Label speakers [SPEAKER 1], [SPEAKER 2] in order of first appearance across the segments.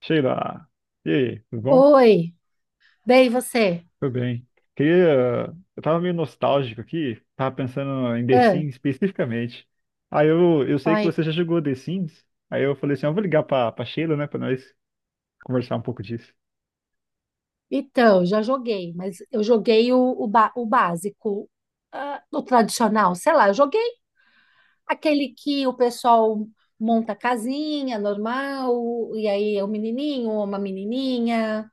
[SPEAKER 1] Sheila, e aí, tudo bom?
[SPEAKER 2] Oi, bem você?
[SPEAKER 1] Tudo bem. Queria, eu tava meio nostálgico aqui, tava pensando em The
[SPEAKER 2] Ah,
[SPEAKER 1] Sims especificamente. Aí eu sei que
[SPEAKER 2] oi.
[SPEAKER 1] você já jogou The Sims, aí eu falei assim, "Ah, eu vou ligar pra Sheila, né, pra nós conversar um pouco disso."
[SPEAKER 2] Então, já joguei, mas eu joguei o o básico, ah, o tradicional, sei lá, eu joguei aquele que o pessoal monta casinha normal, e aí é um menininho ou uma menininha,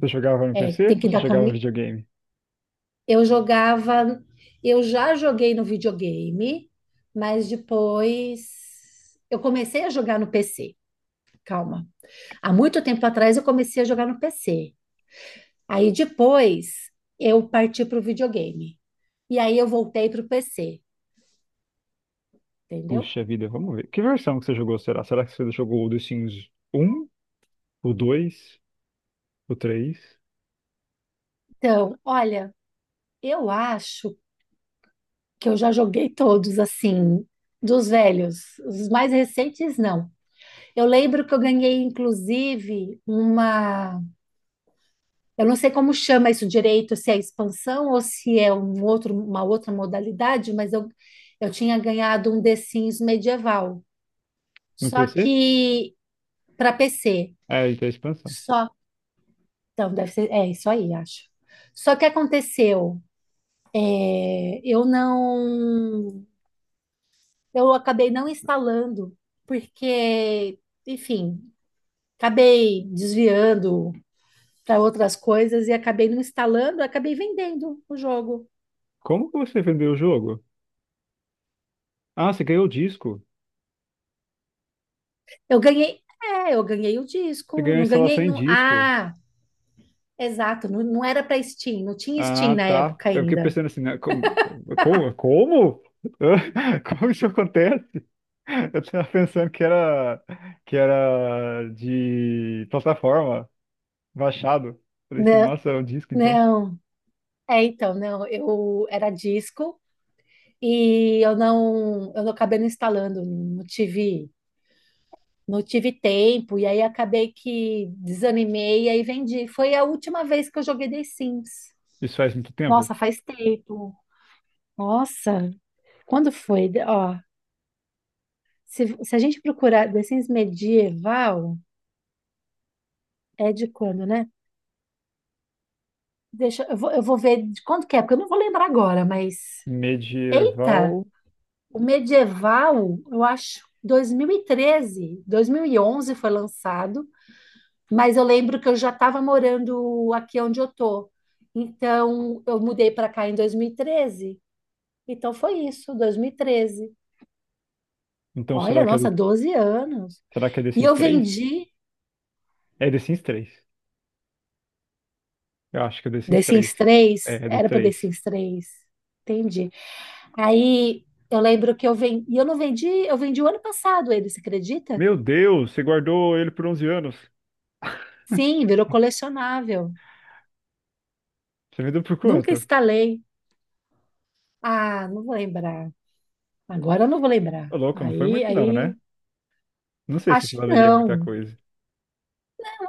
[SPEAKER 1] Você jogava no
[SPEAKER 2] é,
[SPEAKER 1] PC
[SPEAKER 2] tem
[SPEAKER 1] ou
[SPEAKER 2] que
[SPEAKER 1] você
[SPEAKER 2] dar
[SPEAKER 1] jogava no
[SPEAKER 2] comida.
[SPEAKER 1] videogame?
[SPEAKER 2] Eu jogava, eu já joguei no videogame, mas depois eu comecei a jogar no PC, calma. Há muito tempo atrás eu comecei a jogar no PC. Aí depois eu parti para o videogame. E aí eu voltei para o PC, entendeu?
[SPEAKER 1] Puxa vida, vamos ver. Que versão que você jogou, será? Será que você jogou o The Sims um, o 2, o 3?
[SPEAKER 2] Então, olha, eu acho que eu já joguei todos assim, dos velhos. Os mais recentes, não. Eu lembro que eu ganhei, inclusive, uma. Eu não sei como chama isso direito, se é expansão ou se é um outro, uma outra modalidade, mas eu tinha ganhado um The Sims medieval.
[SPEAKER 1] No
[SPEAKER 2] Só
[SPEAKER 1] PC?
[SPEAKER 2] que para PC.
[SPEAKER 1] É, então é a expansão.
[SPEAKER 2] Só, então, deve ser, é isso aí, acho. Só que aconteceu, é, eu não, eu acabei não instalando, porque, enfim, acabei desviando para outras coisas e acabei não instalando, acabei vendendo o jogo.
[SPEAKER 1] Como que você vendeu o jogo? Ah, você ganhou o disco.
[SPEAKER 2] Eu ganhei, é, eu ganhei o
[SPEAKER 1] Você
[SPEAKER 2] disco,
[SPEAKER 1] ganhou a
[SPEAKER 2] não ganhei,
[SPEAKER 1] instalação em
[SPEAKER 2] não,
[SPEAKER 1] disco.
[SPEAKER 2] ah, exato, não, não era para Steam, não tinha Steam
[SPEAKER 1] Ah,
[SPEAKER 2] na
[SPEAKER 1] tá.
[SPEAKER 2] época
[SPEAKER 1] Eu fiquei
[SPEAKER 2] ainda.
[SPEAKER 1] pensando assim, né, como? Como? Como, hã? Como isso acontece? Eu tava pensando que era de plataforma, baixado. Falei assim,
[SPEAKER 2] Não,
[SPEAKER 1] nossa, é um disco então.
[SPEAKER 2] não. É, então, não, eu era disco, e eu não acabei não instalando, não tive, não tive tempo, e aí acabei que desanimei e aí vendi. Foi a última vez que eu joguei The Sims.
[SPEAKER 1] Isso faz muito tempo.
[SPEAKER 2] Nossa, faz tempo. Nossa, quando foi? Ó, se a gente procurar The Sims medieval, é de quando, né? Deixa, eu vou ver de quando que é, porque eu não vou lembrar agora, mas. Eita,
[SPEAKER 1] Medieval.
[SPEAKER 2] o medieval, eu acho, 2013, 2011 foi lançado. Mas eu lembro que eu já estava morando aqui onde eu tô. Então, eu mudei para cá em 2013. Então, foi isso, 2013.
[SPEAKER 1] Então
[SPEAKER 2] Olha,
[SPEAKER 1] será que é do,
[SPEAKER 2] nossa, 12 anos.
[SPEAKER 1] será que é The
[SPEAKER 2] E
[SPEAKER 1] Sims
[SPEAKER 2] eu
[SPEAKER 1] 3?
[SPEAKER 2] vendi
[SPEAKER 1] É The Sims 3. Eu acho que é The Sims
[SPEAKER 2] The
[SPEAKER 1] três.
[SPEAKER 2] Sims 3,
[SPEAKER 1] É, do
[SPEAKER 2] era para The
[SPEAKER 1] 3.
[SPEAKER 2] Sims 3. Entendi. Aí, eu lembro que eu vendi, e eu não vendi, eu vendi o ano passado ele, você acredita?
[SPEAKER 1] Meu Deus, você guardou ele por 11 anos.
[SPEAKER 2] Sim, virou colecionável.
[SPEAKER 1] Você vendeu por
[SPEAKER 2] Nunca
[SPEAKER 1] quanto?
[SPEAKER 2] instalei. Ah, não vou lembrar. Agora eu não vou
[SPEAKER 1] Ô,
[SPEAKER 2] lembrar.
[SPEAKER 1] louco, não foi
[SPEAKER 2] Aí,
[SPEAKER 1] muito não, né?
[SPEAKER 2] aí,
[SPEAKER 1] Não sei se isso
[SPEAKER 2] acho que
[SPEAKER 1] valeria muita
[SPEAKER 2] não.
[SPEAKER 1] coisa.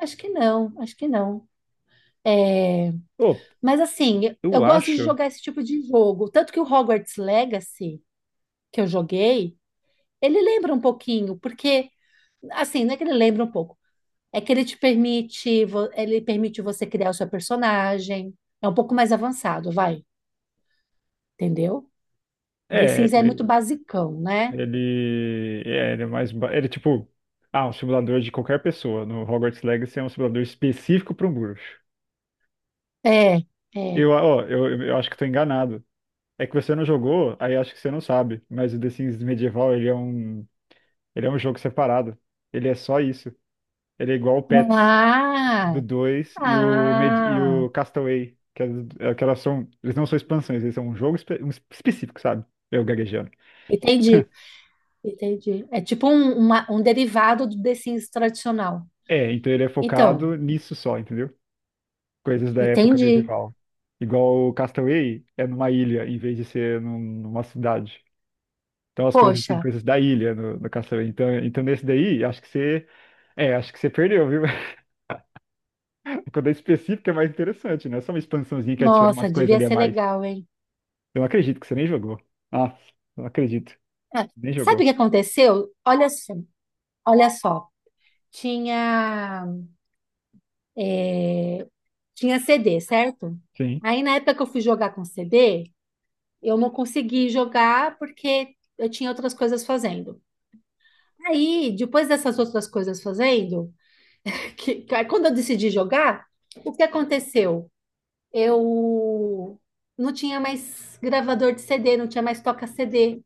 [SPEAKER 2] Acho que não, acho que não. É,
[SPEAKER 1] Ô,
[SPEAKER 2] mas assim, eu
[SPEAKER 1] eu
[SPEAKER 2] gosto de
[SPEAKER 1] acho.
[SPEAKER 2] jogar esse tipo de jogo. Tanto que o Hogwarts Legacy, que eu joguei, ele lembra um pouquinho, porque, assim, não é que ele lembra um pouco, é que ele te permite, ele permite você criar o seu personagem. É um pouco mais avançado, vai, entendeu? The
[SPEAKER 1] É,
[SPEAKER 2] Sims é muito
[SPEAKER 1] ele,
[SPEAKER 2] basicão, né?
[SPEAKER 1] ele é, ele é mais. Ele, é tipo. Ah, um simulador de qualquer pessoa. No Hogwarts Legacy é um simulador específico para um bruxo.
[SPEAKER 2] É,
[SPEAKER 1] Eu,
[SPEAKER 2] é.
[SPEAKER 1] ó, eu acho que tô enganado. É que você não jogou, aí acho que você não sabe. Mas o The Sims Medieval, ele é um jogo separado. Ele é só isso. Ele é igual o Pets do
[SPEAKER 2] Ah,
[SPEAKER 1] 2 e o, Med- e
[SPEAKER 2] ah,
[SPEAKER 1] o Castaway. Que, que elas são, eles não são expansões, eles são um jogo um específico, sabe? Eu gaguejando.
[SPEAKER 2] entendi, entendi. É tipo um derivado do The Sims tradicional.
[SPEAKER 1] É, então ele é
[SPEAKER 2] Então,
[SPEAKER 1] focado nisso só, entendeu? Coisas da época
[SPEAKER 2] entendi.
[SPEAKER 1] medieval. Igual o Castaway é numa ilha em vez de ser numa cidade. Então as coisas tem
[SPEAKER 2] Poxa,
[SPEAKER 1] coisas da ilha no Castaway. Então, nesse daí, acho que você perdeu, viu? Quando é específico é mais interessante, né? Só uma expansãozinha que adiciona
[SPEAKER 2] nossa,
[SPEAKER 1] umas coisas
[SPEAKER 2] devia
[SPEAKER 1] ali a
[SPEAKER 2] ser
[SPEAKER 1] mais.
[SPEAKER 2] legal, hein?
[SPEAKER 1] Eu não acredito que você nem jogou. Ah, não acredito.
[SPEAKER 2] É,
[SPEAKER 1] Nem
[SPEAKER 2] sabe
[SPEAKER 1] jogou.
[SPEAKER 2] o que aconteceu? Olha só, olha só. Tinha, é, tinha CD, certo?
[SPEAKER 1] Sim.
[SPEAKER 2] Aí na época que eu fui jogar com CD, eu não consegui jogar porque eu tinha outras coisas fazendo. Aí, depois dessas outras coisas fazendo, aí quando eu decidi jogar, o que aconteceu? Eu não tinha mais gravador de CD, não tinha mais toca-CD.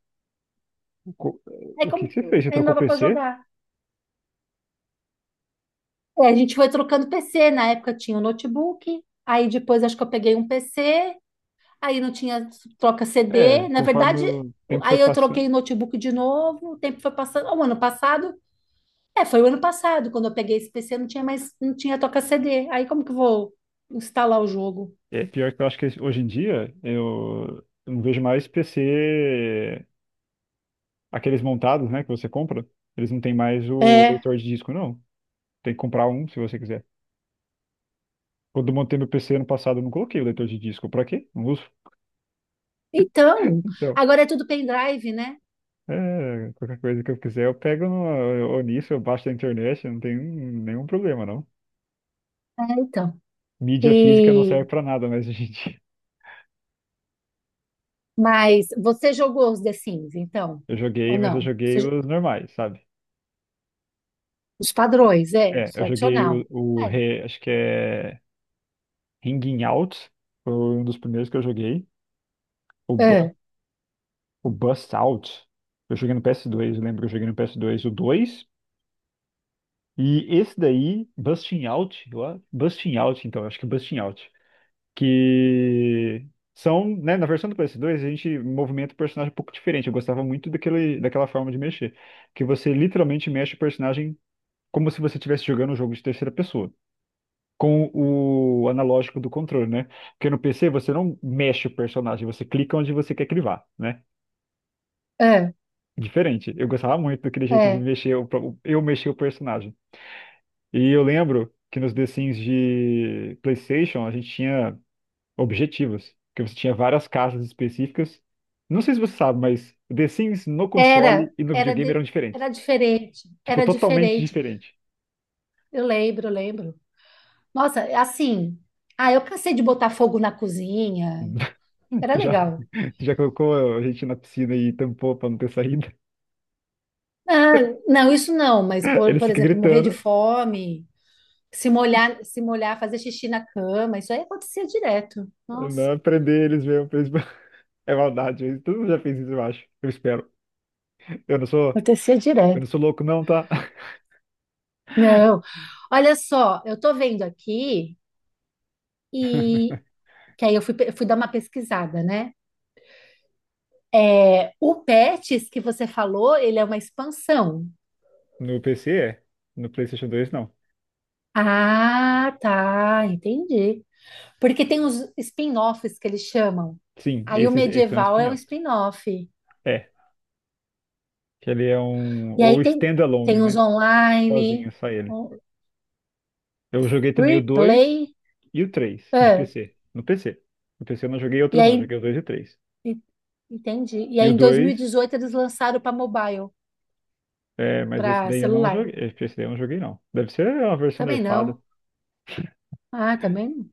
[SPEAKER 1] O co-
[SPEAKER 2] É
[SPEAKER 1] o que
[SPEAKER 2] como
[SPEAKER 1] que você
[SPEAKER 2] tudo,
[SPEAKER 1] fez? Você
[SPEAKER 2] ainda
[SPEAKER 1] trocou o
[SPEAKER 2] dava para
[SPEAKER 1] PC?
[SPEAKER 2] jogar. É, a gente foi trocando PC, na época tinha o notebook, aí depois acho que eu peguei um PC, aí não tinha troca
[SPEAKER 1] É,
[SPEAKER 2] CD, na
[SPEAKER 1] conforme
[SPEAKER 2] verdade,
[SPEAKER 1] o tempo foi
[SPEAKER 2] aí eu
[SPEAKER 1] passando.
[SPEAKER 2] troquei o notebook de novo, o tempo foi passando. Ah, o ano passado, é, foi o ano passado, quando eu peguei esse PC, não tinha mais, não tinha toca CD, aí como que eu vou instalar o jogo?
[SPEAKER 1] É, pior que eu acho que hoje em dia eu não vejo mais PC. Aqueles montados, né, que você compra, eles não têm mais o
[SPEAKER 2] É,
[SPEAKER 1] leitor de disco, não. Tem que comprar um se você quiser. Quando eu montei meu PC ano passado, eu não coloquei o leitor de disco. Pra quê? Não uso.
[SPEAKER 2] então,
[SPEAKER 1] Então,
[SPEAKER 2] agora é tudo pendrive, né?
[SPEAKER 1] é, qualquer coisa que eu quiser, eu pego no, ou nisso, eu baixo da internet, não tem nenhum problema, não.
[SPEAKER 2] É, então,
[SPEAKER 1] Mídia física não
[SPEAKER 2] e,
[SPEAKER 1] serve pra nada, mas, gente,
[SPEAKER 2] mas você jogou os The Sims, então,
[SPEAKER 1] eu joguei,
[SPEAKER 2] ou
[SPEAKER 1] mas eu
[SPEAKER 2] não?
[SPEAKER 1] joguei
[SPEAKER 2] Você
[SPEAKER 1] os normais, sabe?
[SPEAKER 2] os padrões, é,
[SPEAKER 1] É, eu joguei
[SPEAKER 2] tradicional.
[SPEAKER 1] o
[SPEAKER 2] É,
[SPEAKER 1] Acho que é Ringing Out, foi um dos primeiros que eu joguei. O
[SPEAKER 2] é,
[SPEAKER 1] O Bust Out. Eu joguei no PS2, eu lembro que eu joguei no PS2 o 2. E esse daí, Busting Out, eu acho. Busting Out, então, acho que é Busting Out. Que são, né, na versão do PS2, a gente movimenta o personagem um pouco diferente. Eu gostava muito daquele, daquela forma de mexer. Que você literalmente mexe o personagem como se você estivesse jogando um jogo de terceira pessoa. Com o analógico do controle, né? Porque no PC você não mexe o personagem, você clica onde você quer que ele vá, né?
[SPEAKER 2] é,
[SPEAKER 1] Diferente. Eu gostava muito daquele jeito de
[SPEAKER 2] é.
[SPEAKER 1] mexer, eu mexer o personagem. E eu lembro que nos The Sims de PlayStation a gente tinha objetivos, que você tinha várias casas específicas. Não sei se você sabe, mas The Sims no console
[SPEAKER 2] Era,
[SPEAKER 1] e no
[SPEAKER 2] era,
[SPEAKER 1] videogame eram
[SPEAKER 2] de-
[SPEAKER 1] diferentes.
[SPEAKER 2] era diferente,
[SPEAKER 1] Tipo,
[SPEAKER 2] era
[SPEAKER 1] totalmente
[SPEAKER 2] diferente.
[SPEAKER 1] diferente.
[SPEAKER 2] Eu lembro, eu lembro. Nossa, assim, ah, eu cansei de botar fogo na cozinha. Era
[SPEAKER 1] Tu já,
[SPEAKER 2] legal.
[SPEAKER 1] tu já colocou a gente na piscina e tampou pra não ter saída?
[SPEAKER 2] Ah, não, isso não, mas por,
[SPEAKER 1] Eles
[SPEAKER 2] por
[SPEAKER 1] ficam
[SPEAKER 2] exemplo, morrer de
[SPEAKER 1] gritando,
[SPEAKER 2] fome, se molhar, fazer xixi na cama, isso aí acontecia direto. Nossa,
[SPEAKER 1] não prender eles mesmo. É maldade, todo mundo já fez isso, eu acho. Eu espero. Eu não sou,
[SPEAKER 2] acontecia
[SPEAKER 1] eu
[SPEAKER 2] direto.
[SPEAKER 1] não sou louco, não, tá?
[SPEAKER 2] Não. Olha só, eu tô vendo aqui e que aí eu fui dar uma pesquisada, né? É, o Pets que você falou, ele é uma expansão.
[SPEAKER 1] No PC é. No PlayStation 2 não.
[SPEAKER 2] Ah, tá, entendi. Porque tem os spin-offs que eles chamam.
[SPEAKER 1] Sim,
[SPEAKER 2] Aí o
[SPEAKER 1] esses são
[SPEAKER 2] medieval é o
[SPEAKER 1] spin-offs.
[SPEAKER 2] spin-off.
[SPEAKER 1] É, que ele é um.
[SPEAKER 2] E
[SPEAKER 1] Ou
[SPEAKER 2] aí tem,
[SPEAKER 1] standalone,
[SPEAKER 2] tem os
[SPEAKER 1] né? Sozinho,
[SPEAKER 2] online,
[SPEAKER 1] só ele.
[SPEAKER 2] o
[SPEAKER 1] Eu joguei também o 2
[SPEAKER 2] replay.
[SPEAKER 1] e o três de
[SPEAKER 2] Ah,
[SPEAKER 1] PC. No PC. No PC eu não joguei
[SPEAKER 2] e
[SPEAKER 1] outros, não. Eu
[SPEAKER 2] aí,
[SPEAKER 1] joguei o 2 e o 3.
[SPEAKER 2] e- entendi. E
[SPEAKER 1] E
[SPEAKER 2] aí
[SPEAKER 1] o
[SPEAKER 2] em dois mil e
[SPEAKER 1] 2
[SPEAKER 2] dezoito eles lançaram para mobile,
[SPEAKER 1] é, mas esse
[SPEAKER 2] para
[SPEAKER 1] daí eu não
[SPEAKER 2] celular.
[SPEAKER 1] joguei. Esse daí eu não joguei, não. Deve ser uma versão
[SPEAKER 2] Também
[SPEAKER 1] nerfada.
[SPEAKER 2] não. Ah, também.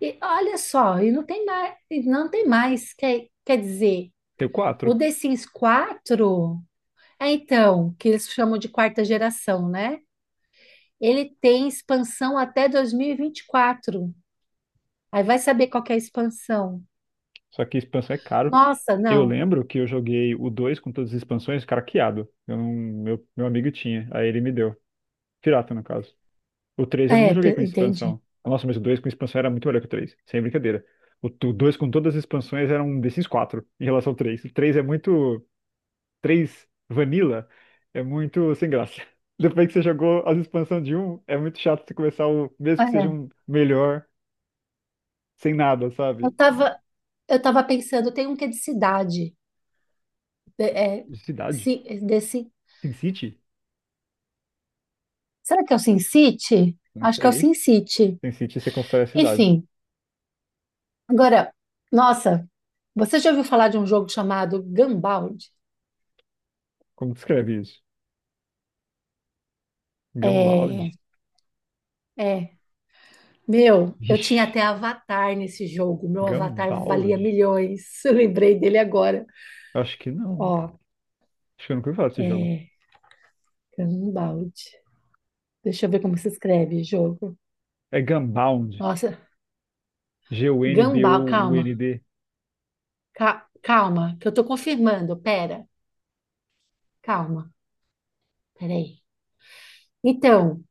[SPEAKER 2] E olha só, e não tem mais, e não tem mais, quer dizer,
[SPEAKER 1] Tem o 4.
[SPEAKER 2] o The Sims 4, é então, que eles chamam de quarta geração, né? Ele tem expansão até dois mil e vinte e quatro. Aí vai saber qual que é a expansão.
[SPEAKER 1] Só que a expansão é caro.
[SPEAKER 2] Nossa,
[SPEAKER 1] Eu
[SPEAKER 2] não.
[SPEAKER 1] lembro que eu joguei o 2 com todas as expansões craqueado. Eu não- meu amigo tinha. Aí ele me deu. Pirata, no caso. O três eu não
[SPEAKER 2] É,
[SPEAKER 1] joguei com
[SPEAKER 2] entendi.
[SPEAKER 1] expansão. Nossa, mas o 2 com expansão era muito melhor que o três. Sem brincadeira. O t- o 2 com todas as expansões era um The Sims 4 em relação ao três. O 3 é muito. Três Vanilla é muito sem graça. Depois que você jogou as expansões de um, é muito chato você começar o. Mesmo que seja
[SPEAKER 2] É,
[SPEAKER 1] um melhor, sem nada,
[SPEAKER 2] eu
[SPEAKER 1] sabe?
[SPEAKER 2] tava, eu tava pensando, tem um que é de cidade. É,
[SPEAKER 1] Cidade?
[SPEAKER 2] desse,
[SPEAKER 1] Tem City?
[SPEAKER 2] será que é o Sin City?
[SPEAKER 1] Não
[SPEAKER 2] Acho que é o
[SPEAKER 1] sei.
[SPEAKER 2] Sin City.
[SPEAKER 1] Tem City você constrói a cidade.
[SPEAKER 2] Enfim, agora, nossa, você já ouviu falar de um jogo chamado Gumball?
[SPEAKER 1] Como descreve isso?
[SPEAKER 2] É,
[SPEAKER 1] Gambaldi?
[SPEAKER 2] é. Meu, eu
[SPEAKER 1] Vixe,
[SPEAKER 2] tinha até avatar nesse jogo. Meu avatar valia
[SPEAKER 1] Gambaldi?
[SPEAKER 2] milhões. Eu lembrei dele agora.
[SPEAKER 1] Acho que
[SPEAKER 2] Ó,
[SPEAKER 1] não. Acho que eu nunca ouvi falar desse jogo.
[SPEAKER 2] é Gumball. Deixa eu ver como se escreve jogo.
[SPEAKER 1] É Gunbound.
[SPEAKER 2] Nossa, Gumball, calma.
[SPEAKER 1] Gunbound.
[SPEAKER 2] Calma, que eu tô confirmando. Pera, calma. Peraí. Então,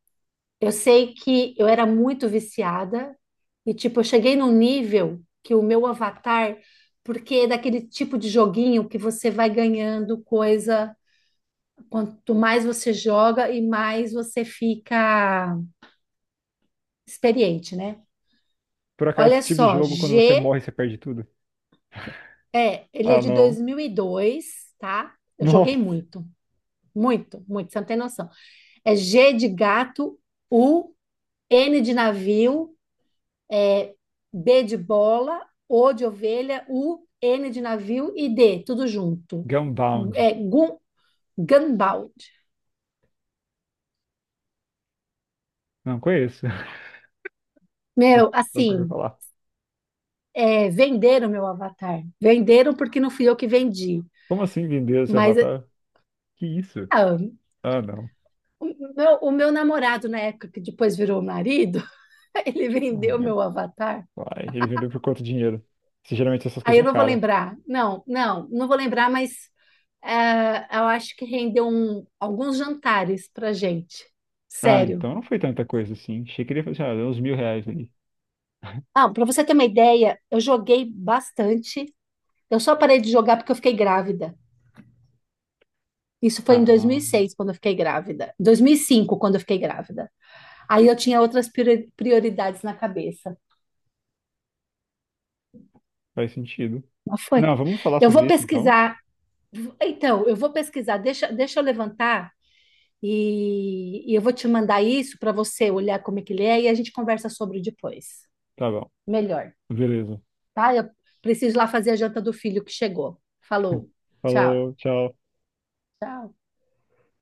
[SPEAKER 2] eu sei que eu era muito viciada e, tipo, eu cheguei num nível que o meu avatar, porque é daquele tipo de joguinho que você vai ganhando coisa, quanto mais você joga e mais você fica experiente, né?
[SPEAKER 1] Por acaso,
[SPEAKER 2] Olha
[SPEAKER 1] esse tipo de
[SPEAKER 2] só,
[SPEAKER 1] jogo, quando você
[SPEAKER 2] G,
[SPEAKER 1] morre, você perde tudo?
[SPEAKER 2] é, ele é
[SPEAKER 1] Ah,
[SPEAKER 2] de
[SPEAKER 1] não.
[SPEAKER 2] 2002, tá? Eu
[SPEAKER 1] Nossa.
[SPEAKER 2] joguei muito, muito, muito, você não tem noção. É G de gato, U, N de navio, é B de bola, O de ovelha, U, N de navio e D, tudo junto.
[SPEAKER 1] Gunbound.
[SPEAKER 2] É, Gunbound.
[SPEAKER 1] Não conheço. Não,
[SPEAKER 2] Meu,
[SPEAKER 1] nunca ouvi
[SPEAKER 2] assim,
[SPEAKER 1] falar.
[SPEAKER 2] é, venderam meu avatar. Venderam porque não fui eu que vendi.
[SPEAKER 1] Como assim vender esse
[SPEAKER 2] Mas
[SPEAKER 1] avatar? Que isso?
[SPEAKER 2] ah,
[SPEAKER 1] Ah, não.
[SPEAKER 2] o meu namorado, na época que depois virou marido, ele
[SPEAKER 1] Ah,
[SPEAKER 2] vendeu
[SPEAKER 1] meu
[SPEAKER 2] meu avatar.
[SPEAKER 1] pai. Ele vendeu por quanto dinheiro? Se geralmente essas
[SPEAKER 2] Aí
[SPEAKER 1] coisas
[SPEAKER 2] eu
[SPEAKER 1] é
[SPEAKER 2] não vou
[SPEAKER 1] cara.
[SPEAKER 2] lembrar. Não, não, não vou lembrar, mas ah, eu acho que rendeu alguns jantares pra gente.
[SPEAKER 1] Ah,
[SPEAKER 2] Sério.
[SPEAKER 1] então não foi tanta coisa assim. Achei que ele ia fazer, ah, uns mil reais ali.
[SPEAKER 2] Ah, para você ter uma ideia, eu joguei bastante. Eu só parei de jogar porque eu fiquei grávida. Isso foi em dois
[SPEAKER 1] Ah,
[SPEAKER 2] mil e seis quando eu fiquei grávida. 2005 quando eu fiquei grávida. Aí eu tinha outras prioridades na cabeça.
[SPEAKER 1] faz sentido.
[SPEAKER 2] Mas foi.
[SPEAKER 1] Não, vamos falar
[SPEAKER 2] Eu
[SPEAKER 1] sobre
[SPEAKER 2] vou
[SPEAKER 1] isso então?
[SPEAKER 2] pesquisar. Então, eu vou pesquisar. Deixa eu levantar e eu vou te mandar isso para você olhar como é que ele é e a gente conversa sobre depois.
[SPEAKER 1] Tá bom.
[SPEAKER 2] Melhor,
[SPEAKER 1] Beleza.
[SPEAKER 2] tá? Eu preciso lá fazer a janta do filho que chegou. Falou. Tchau.
[SPEAKER 1] Falou, tchau.
[SPEAKER 2] Tchau.